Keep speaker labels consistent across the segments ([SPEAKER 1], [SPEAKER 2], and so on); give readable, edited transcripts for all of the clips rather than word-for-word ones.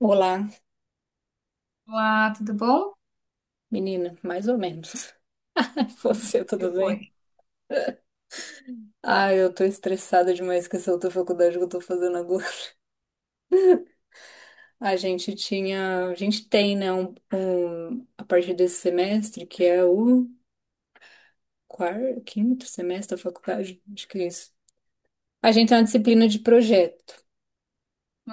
[SPEAKER 1] Olá,
[SPEAKER 2] Olá, tudo bom? O
[SPEAKER 1] menina, mais ou menos. Você,
[SPEAKER 2] que
[SPEAKER 1] tudo bem?
[SPEAKER 2] foi?
[SPEAKER 1] Ah, eu tô estressada demais com essa outra faculdade que eu tô fazendo agora. A gente tem, né, a partir desse semestre, que é o quarto, quinto semestre da faculdade, acho que é isso. A gente tem uma disciplina de projeto.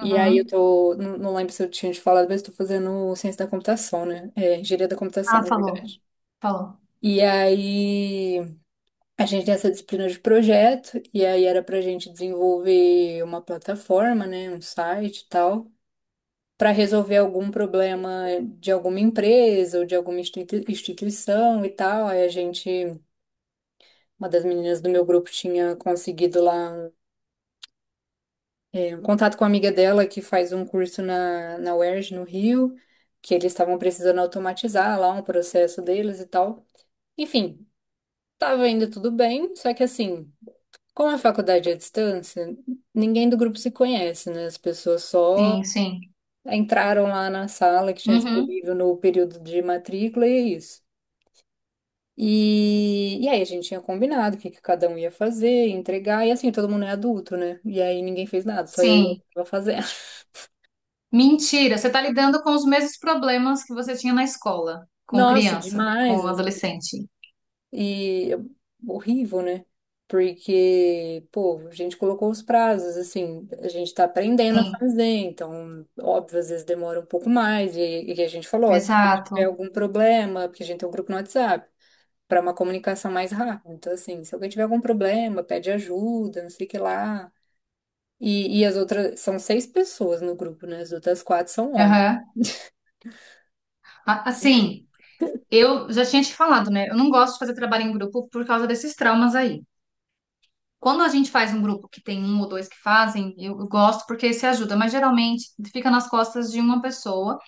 [SPEAKER 1] E aí eu tô, não lembro se eu tinha te falado, mas eu tô fazendo ciência da computação, né? É, engenharia da computação,
[SPEAKER 2] Ah,
[SPEAKER 1] na
[SPEAKER 2] falou,
[SPEAKER 1] verdade.
[SPEAKER 2] falou.
[SPEAKER 1] E aí A gente tem essa disciplina de projeto, e aí era pra gente desenvolver uma plataforma, né, um site e tal, para resolver algum problema de alguma empresa ou de alguma instituição e tal. Uma das meninas do meu grupo tinha conseguido lá um contato com a amiga dela que faz um curso na UERJ, no Rio, que eles estavam precisando automatizar lá um processo deles e tal. Enfim, tava indo tudo bem, só que assim. Como é a faculdade é à distância, ninguém do grupo se conhece, né? As pessoas só
[SPEAKER 2] Sim, sim.
[SPEAKER 1] entraram lá na sala que tinha
[SPEAKER 2] Uhum.
[SPEAKER 1] disponível no período de matrícula e é isso. E aí a gente tinha combinado que cada um ia fazer, entregar, e assim, todo mundo é adulto, né? E aí ninguém fez nada, só eu e ela que
[SPEAKER 2] Sim.
[SPEAKER 1] tava fazendo.
[SPEAKER 2] Mentira, você está lidando com os mesmos problemas que você tinha na escola, com
[SPEAKER 1] Nossa,
[SPEAKER 2] criança,
[SPEAKER 1] demais,
[SPEAKER 2] com
[SPEAKER 1] assim!
[SPEAKER 2] adolescente.
[SPEAKER 1] E é horrível, né? Porque, pô, a gente colocou os prazos, assim, a gente tá aprendendo a
[SPEAKER 2] Sim,
[SPEAKER 1] fazer, então, óbvio, às vezes demora um pouco mais, e a gente falou, ó, se alguém tiver
[SPEAKER 2] exato.
[SPEAKER 1] algum problema, porque a gente tem um grupo no WhatsApp, para uma comunicação mais rápida. Então, assim, se alguém tiver algum problema, pede ajuda, não sei o que lá. E as outras, são seis pessoas no grupo, né? As outras quatro são homens.
[SPEAKER 2] Aham. Assim, eu já tinha te falado, né? Eu não gosto de fazer trabalho em grupo por causa desses traumas aí. Quando a gente faz um grupo que tem um ou dois que fazem, eu gosto porque se ajuda, mas geralmente fica nas costas de uma pessoa.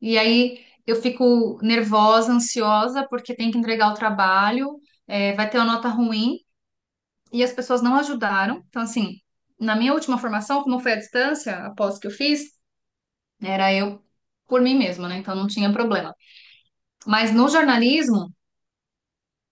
[SPEAKER 2] E aí eu fico nervosa, ansiosa, porque tem que entregar o trabalho, é, vai ter uma nota ruim, e as pessoas não ajudaram. Então, assim, na minha última formação, como foi à distância, após que eu fiz, era eu por mim mesma, né? Então não tinha problema. Mas no jornalismo,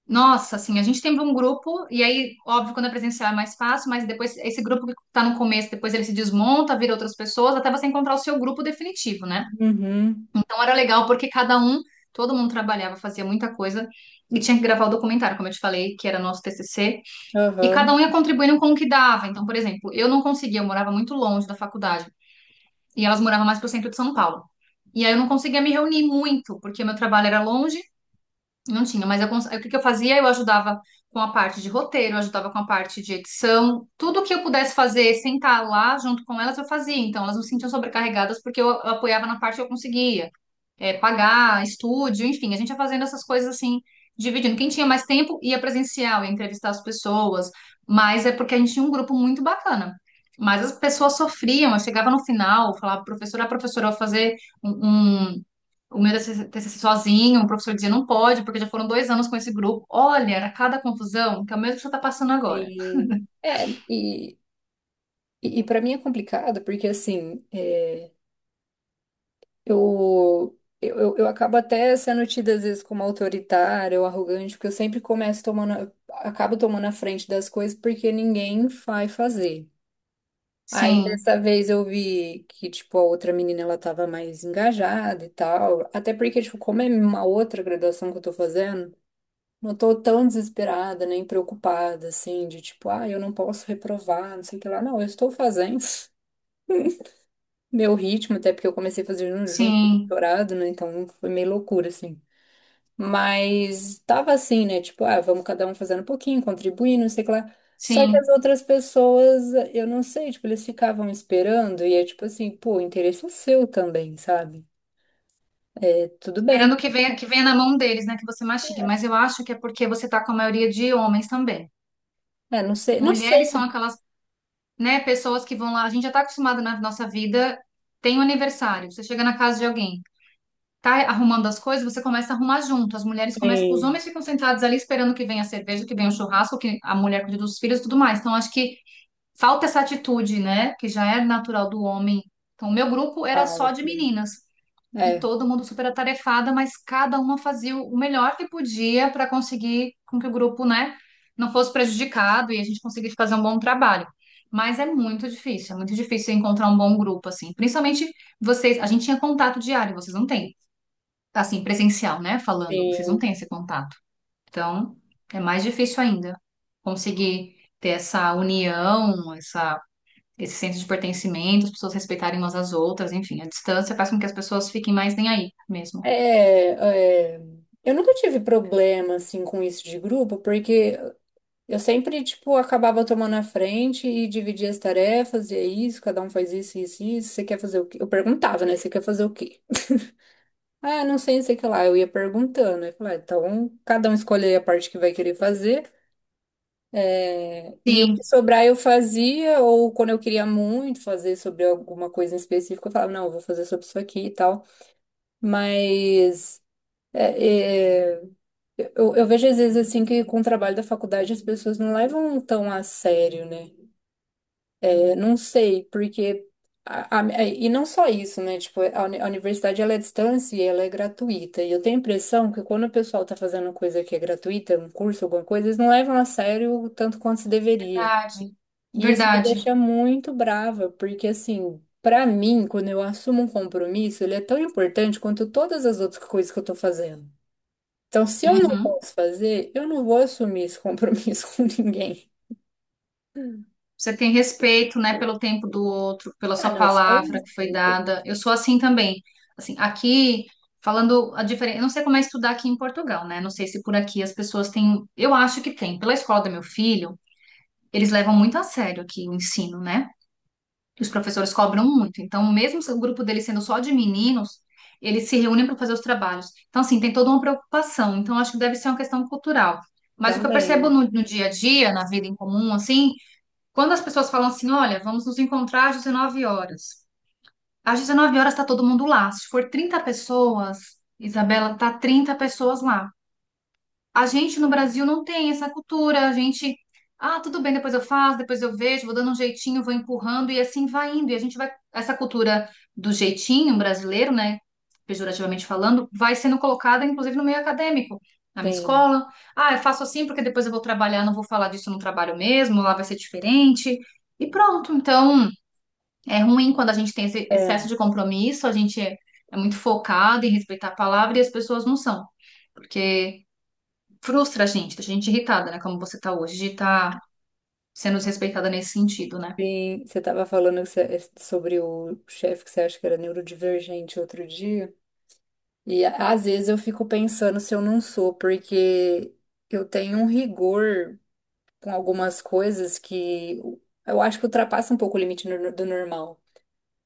[SPEAKER 2] nossa, assim, a gente tem um grupo, e aí, óbvio, quando é presencial é mais fácil, mas depois esse grupo que tá no começo, depois ele se desmonta, vira outras pessoas, até você encontrar o seu grupo definitivo, né?
[SPEAKER 1] Uhum,
[SPEAKER 2] Então era legal porque cada um, todo mundo trabalhava, fazia muita coisa e tinha que gravar o documentário, como eu te falei, que era nosso TCC, e cada
[SPEAKER 1] aham.
[SPEAKER 2] um ia contribuindo com o que dava. Então, por exemplo, eu não conseguia, eu morava muito longe da faculdade e elas moravam mais pro centro de São Paulo. E aí eu não conseguia me reunir muito, porque meu trabalho era longe, não tinha, mas eu aí o que que eu fazia? Eu ajudava com a parte de roteiro, eu ajudava com a parte de edição, tudo que eu pudesse fazer, sentar lá junto com elas, eu fazia. Então, elas não se sentiam sobrecarregadas porque eu apoiava na parte que eu conseguia é, pagar estúdio, enfim, a gente ia fazendo essas coisas assim, dividindo. Quem tinha mais tempo ia presencial, ia entrevistar as pessoas, mas é porque a gente tinha um grupo muito bacana. Mas as pessoas sofriam, eu chegava no final, falava, professora, a professora, eu vou fazer um, um- o meu TCC sozinho, o professor dizia, não pode, porque já foram 2 anos com esse grupo. Olha, era cada confusão, que é o mesmo que você está passando agora.
[SPEAKER 1] Sim. É, e e para mim é complicado, porque assim, é, eu acabo até sendo tida às vezes como autoritária ou arrogante, porque eu sempre acabo tomando a frente das coisas porque ninguém vai fazer. Aí
[SPEAKER 2] Sim,
[SPEAKER 1] dessa vez eu vi que, tipo, a outra menina, ela tava mais engajada e tal, até porque, tipo, como é uma outra graduação que eu tô fazendo, não tô tão desesperada, nem preocupada, assim, de tipo, ah, eu não posso reprovar, não sei o que lá. Não, eu estou fazendo meu ritmo, até porque eu comecei a fazer junto com o
[SPEAKER 2] sim,
[SPEAKER 1] doutorado, né? Então foi meio loucura, assim. Mas tava assim, né? Tipo, ah, vamos cada um fazendo um pouquinho, contribuindo, não sei o que lá. Só que as
[SPEAKER 2] sim.
[SPEAKER 1] outras pessoas, eu não sei, tipo, eles ficavam esperando e é tipo assim, pô, o interesse é seu também, sabe? É, tudo bem.
[SPEAKER 2] Esperando que venha na mão deles, né, que você mastigue. Mas eu acho que é porque você está com a maioria de homens também.
[SPEAKER 1] É, não sei.
[SPEAKER 2] Mulheres são aquelas, né, pessoas que vão lá. A gente já está acostumado na nossa vida. Tem um aniversário, você chega na casa de alguém, tá arrumando as coisas, você começa a arrumar junto. As mulheres começam, os
[SPEAKER 1] Sim,
[SPEAKER 2] homens ficam sentados ali esperando que venha a cerveja, que venha o churrasco, que a mulher cuide dos filhos, e tudo mais. Então acho que falta essa atitude, né, que já é natural do homem. Então o meu grupo era só de
[SPEAKER 1] falta.
[SPEAKER 2] meninas e
[SPEAKER 1] É,
[SPEAKER 2] todo mundo super atarefada, mas cada uma fazia o melhor que podia para conseguir com que o grupo, né, não fosse prejudicado e a gente conseguisse fazer um bom trabalho. Mas é muito difícil encontrar um bom grupo assim. Principalmente vocês, a gente tinha contato diário, vocês não têm. Assim, presencial, né, falando, vocês não
[SPEAKER 1] sim.
[SPEAKER 2] têm esse contato. Então, é mais difícil ainda conseguir ter essa união, essa esse senso de pertencimento, as pessoas respeitarem umas às outras, enfim, a distância faz com que as pessoas fiquem mais nem aí mesmo.
[SPEAKER 1] É, é, eu nunca tive problema, assim, com isso de grupo, porque eu sempre, tipo, acabava tomando a frente e dividia as tarefas, e é isso, cada um faz isso. Você quer fazer o quê? Eu perguntava, né? Você quer fazer o quê? Ah, não sei o que lá. Eu ia perguntando. Eu falei, ah, então, cada um escolhe a parte que vai querer fazer. E o que
[SPEAKER 2] Sim,
[SPEAKER 1] sobrar eu fazia, ou quando eu queria muito fazer sobre alguma coisa em específico, eu falava, não, eu vou fazer sobre isso aqui e tal. Mas é, é, eu vejo às vezes assim que com o trabalho da faculdade as pessoas não levam tão a sério, né? Não sei, porque e não só isso, né? Tipo, a universidade ela é à distância e ela é gratuita. E eu tenho a impressão que quando o pessoal tá fazendo coisa que é gratuita, um curso, alguma coisa, eles não levam a sério o tanto quanto se deveria.
[SPEAKER 2] verdade,
[SPEAKER 1] E isso me
[SPEAKER 2] verdade.
[SPEAKER 1] deixa muito brava, porque assim, pra mim, quando eu assumo um compromisso, ele é tão importante quanto todas as outras coisas que eu tô fazendo. Então, se eu não
[SPEAKER 2] Uhum.
[SPEAKER 1] posso fazer, eu não vou assumir esse compromisso com ninguém.
[SPEAKER 2] Você tem respeito, né, pelo tempo do outro, pela
[SPEAKER 1] Ah,
[SPEAKER 2] sua
[SPEAKER 1] não, só
[SPEAKER 2] palavra
[SPEAKER 1] isso.
[SPEAKER 2] que foi dada. Eu sou assim também. Assim, aqui, falando a diferença, eu não sei como é estudar aqui em Portugal, né? Não sei se por aqui as pessoas têm, eu acho que tem. Pela escola do meu filho, eles levam muito a sério aqui o ensino, né? Os professores cobram muito. Então, mesmo se o grupo dele sendo só de meninos, eles se reúnem para fazer os trabalhos. Então, assim, tem toda uma preocupação. Então, acho que deve ser uma questão cultural. Mas o que eu percebo
[SPEAKER 1] Também.
[SPEAKER 2] no dia a dia, na vida em comum, assim, quando as pessoas falam assim, olha, vamos nos encontrar às 19 horas. Às 19 horas está todo mundo lá. Se for 30 pessoas, Isabela, tá 30 pessoas lá. A gente no Brasil não tem essa cultura. A gente, ah, tudo bem, depois eu faço, depois eu vejo, vou dando um jeitinho, vou empurrando e assim vai indo. E a gente vai, essa cultura do jeitinho brasileiro, né, pejorativamente falando, vai sendo colocada, inclusive, no meio acadêmico. Na minha
[SPEAKER 1] Tem.
[SPEAKER 2] escola, ah, eu faço assim porque depois eu vou trabalhar, não vou falar disso no trabalho mesmo, lá vai ser diferente. E pronto. Então, é ruim quando a gente tem esse
[SPEAKER 1] É,
[SPEAKER 2] excesso de compromisso, a gente é muito focado em respeitar a palavra e as pessoas não são. Porque frustra a gente, deixa a gente irritada, né? Como você tá hoje, de estar sendo desrespeitada nesse sentido, né?
[SPEAKER 1] sim, você estava falando que sobre o chefe que você acha que era neurodivergente outro dia, e às vezes eu fico pensando se eu não sou, porque eu tenho um rigor com algumas coisas que eu acho que ultrapassa um pouco o limite do normal.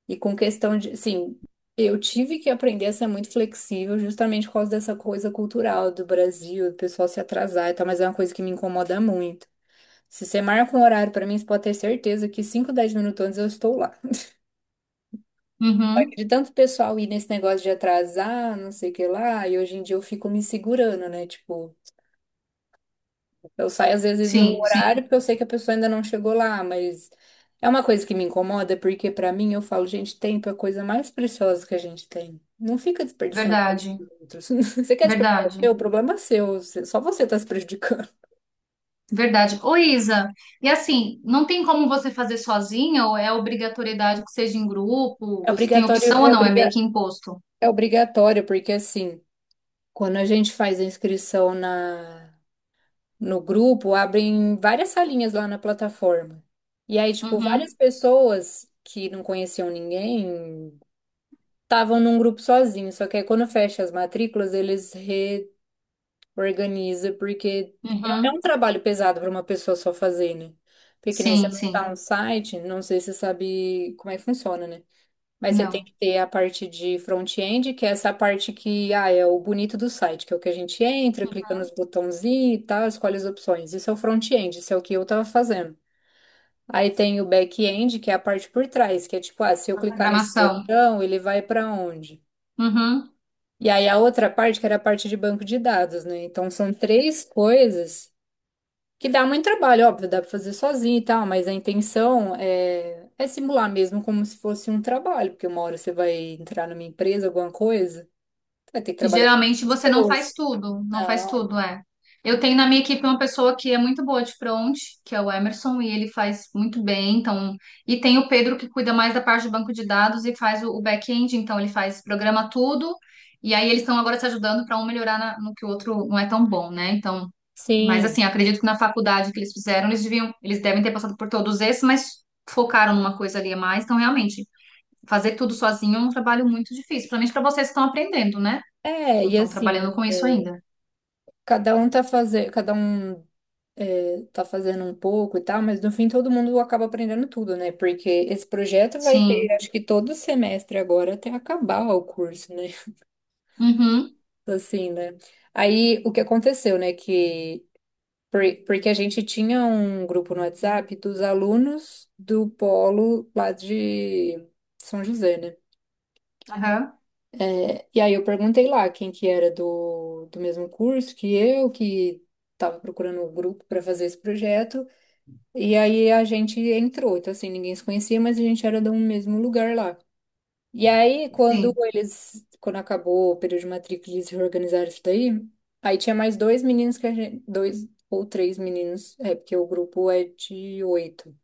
[SPEAKER 1] E com questão de, assim, eu tive que aprender a ser muito flexível justamente por causa dessa coisa cultural do Brasil, do pessoal se atrasar e tal, mas é uma coisa que me incomoda muito. Se você marca um horário pra mim, você pode ter certeza que 5 10 minutos antes eu estou lá. Mas
[SPEAKER 2] Uhum.
[SPEAKER 1] de tanto pessoal ir nesse negócio de atrasar, não sei o que lá, e hoje em dia eu fico me segurando, né? Tipo, eu saio às vezes no
[SPEAKER 2] Sim,
[SPEAKER 1] horário
[SPEAKER 2] sim,
[SPEAKER 1] porque eu sei que a pessoa ainda não chegou lá, mas é uma coisa que me incomoda, porque pra mim eu falo, gente, tempo é a coisa mais preciosa que a gente tem. Não fica desperdiçando tempo
[SPEAKER 2] verdade,
[SPEAKER 1] dos outros. Você quer desperdiçar o seu? O
[SPEAKER 2] verdade,
[SPEAKER 1] problema é seu. Só você tá se prejudicando.
[SPEAKER 2] verdade. Ô, Isa, e assim, não tem como você fazer sozinha ou é obrigatoriedade que seja em grupo?
[SPEAKER 1] É
[SPEAKER 2] Você tem
[SPEAKER 1] obrigatório,
[SPEAKER 2] opção ou
[SPEAKER 1] é
[SPEAKER 2] não? É meio
[SPEAKER 1] obriga,
[SPEAKER 2] que imposto.
[SPEAKER 1] é obrigatório, porque assim. Quando a gente faz a inscrição no grupo, abrem várias salinhas lá na plataforma. E aí, tipo, várias
[SPEAKER 2] Uhum,
[SPEAKER 1] pessoas que não conheciam ninguém estavam num grupo sozinho. Só que aí, quando fecha as matrículas, eles reorganizam, porque é um
[SPEAKER 2] uhum.
[SPEAKER 1] trabalho pesado para uma pessoa só fazer, né? Porque nem você
[SPEAKER 2] Sim,
[SPEAKER 1] montar
[SPEAKER 2] sim.
[SPEAKER 1] um site, não sei se você sabe como é que funciona, né? Mas você tem
[SPEAKER 2] Não.
[SPEAKER 1] que ter a parte de front-end, que é essa parte que ah, é o bonito do site, que é o que a gente entra, clica nos botãozinhos e tal, escolhe as opções. Isso é o front-end, isso é o que eu tava fazendo. Aí tem o back-end, que é a parte por trás, que é tipo, ah, se eu
[SPEAKER 2] A
[SPEAKER 1] clicar nesse
[SPEAKER 2] programação.
[SPEAKER 1] botão, ele vai para onde?
[SPEAKER 2] Uhum.
[SPEAKER 1] E aí a outra parte, que era a parte de banco de dados, né? Então são três coisas que dá muito trabalho, óbvio, dá pra fazer sozinho e tal, mas a intenção é, é simular mesmo como se fosse um trabalho, porque uma hora você vai entrar numa empresa, alguma coisa, vai ter que
[SPEAKER 2] E
[SPEAKER 1] trabalhar com
[SPEAKER 2] geralmente você não faz
[SPEAKER 1] pessoas.
[SPEAKER 2] tudo, não faz
[SPEAKER 1] Não.
[SPEAKER 2] tudo, é. Eu tenho na minha equipe uma pessoa que é muito boa de front, que é o Emerson, e ele faz muito bem, então, e tem o Pedro que cuida mais da parte do banco de dados e faz o back-end, então ele faz, programa tudo, e aí eles estão agora se ajudando para um melhorar no que o outro não é tão bom, né? Então, mas
[SPEAKER 1] Sim.
[SPEAKER 2] assim, acredito que na faculdade que eles fizeram, eles deviam, eles devem ter passado por todos esses, mas focaram numa coisa ali a mais, então realmente fazer tudo sozinho é um trabalho muito difícil, principalmente para vocês que estão aprendendo, né?
[SPEAKER 1] É,
[SPEAKER 2] Não
[SPEAKER 1] e
[SPEAKER 2] estão
[SPEAKER 1] assim,
[SPEAKER 2] trabalhando com isso ainda.
[SPEAKER 1] cada um tá fazendo um pouco e tal, mas no fim todo mundo acaba aprendendo tudo, né? Porque esse projeto vai ter,
[SPEAKER 2] Sim.
[SPEAKER 1] acho que todo semestre agora até acabar o curso, né?
[SPEAKER 2] Uhum.
[SPEAKER 1] Assim, né? Aí o que aconteceu, né? Por- Porque a gente tinha um grupo no WhatsApp dos alunos do polo lá de São José, né?
[SPEAKER 2] Aham.
[SPEAKER 1] E aí eu perguntei lá quem que era do mesmo curso que eu, que estava procurando o grupo para fazer esse projeto. E aí a gente entrou. Então, assim, ninguém se conhecia, mas a gente era do mesmo lugar lá. E aí,
[SPEAKER 2] Sim.
[SPEAKER 1] quando acabou o período de matrícula, eles reorganizaram isso daí. Aí tinha mais dois meninos que a gente, dois ou três meninos, é porque o grupo é de oito.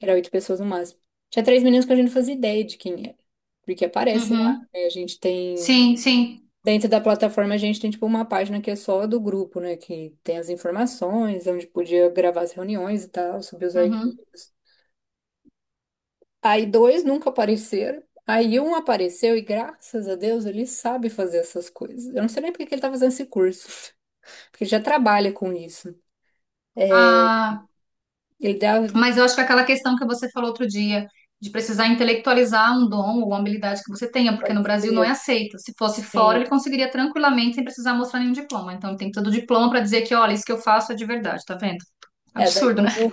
[SPEAKER 1] Era oito pessoas no máximo. Tinha três meninos que a gente não fazia ideia de quem era, porque aparece lá,
[SPEAKER 2] Uhum.
[SPEAKER 1] né? A gente tem
[SPEAKER 2] Sim, sim.
[SPEAKER 1] dentro da plataforma a gente tem tipo uma página que é só do grupo, né? Que tem as informações, onde podia gravar as reuniões e tal, subir os
[SPEAKER 2] Uhum.
[SPEAKER 1] arquivos. Aí dois nunca apareceram. Aí um apareceu e graças a Deus ele sabe fazer essas coisas. Eu não sei nem por que que ele tá fazendo esse curso, porque ele já trabalha com isso.
[SPEAKER 2] Ah,
[SPEAKER 1] Ele deve,
[SPEAKER 2] mas eu acho que aquela questão que você falou outro dia, de precisar intelectualizar um dom ou uma habilidade que você tenha, porque no
[SPEAKER 1] pode
[SPEAKER 2] Brasil não é
[SPEAKER 1] ser,
[SPEAKER 2] aceito. Se fosse fora,
[SPEAKER 1] sim.
[SPEAKER 2] ele conseguiria tranquilamente sem precisar mostrar nenhum diploma. Então, ele tem todo o diploma para dizer que, olha, isso que eu faço é de verdade, tá vendo?
[SPEAKER 1] É,
[SPEAKER 2] Absurdo, né?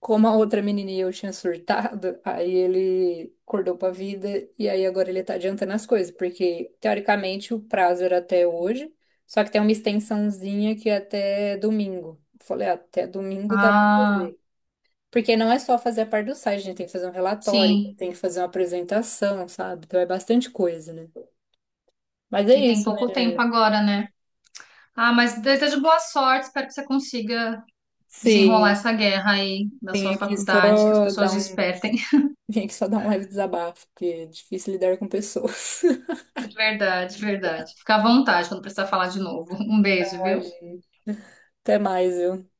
[SPEAKER 1] como a outra menininha eu tinha surtado, aí ele acordou pra vida e aí agora ele tá adiantando as coisas, porque teoricamente o prazo era até hoje, só que tem uma extensãozinha que é até domingo. Falei, "Ah, até domingo dá pra
[SPEAKER 2] Ah,
[SPEAKER 1] fazer. Porque não é só fazer a parte do site, a gente tem que fazer um relatório,
[SPEAKER 2] sim.
[SPEAKER 1] tem que fazer uma apresentação, sabe? Então é bastante coisa, né? Mas é
[SPEAKER 2] E tem
[SPEAKER 1] isso,
[SPEAKER 2] pouco
[SPEAKER 1] né?
[SPEAKER 2] tempo agora, né? Ah, mas desejo boa sorte, espero que você consiga desenrolar
[SPEAKER 1] Sim,
[SPEAKER 2] essa guerra aí da sua
[SPEAKER 1] vim aqui
[SPEAKER 2] faculdade, que as
[SPEAKER 1] só dar
[SPEAKER 2] pessoas
[SPEAKER 1] um,
[SPEAKER 2] despertem.
[SPEAKER 1] vim aqui só dar um leve desabafo, porque é difícil lidar com pessoas.
[SPEAKER 2] Verdade, verdade. Fica à vontade quando precisar falar de novo. Um beijo, viu?
[SPEAKER 1] Imagina. Até mais, viu?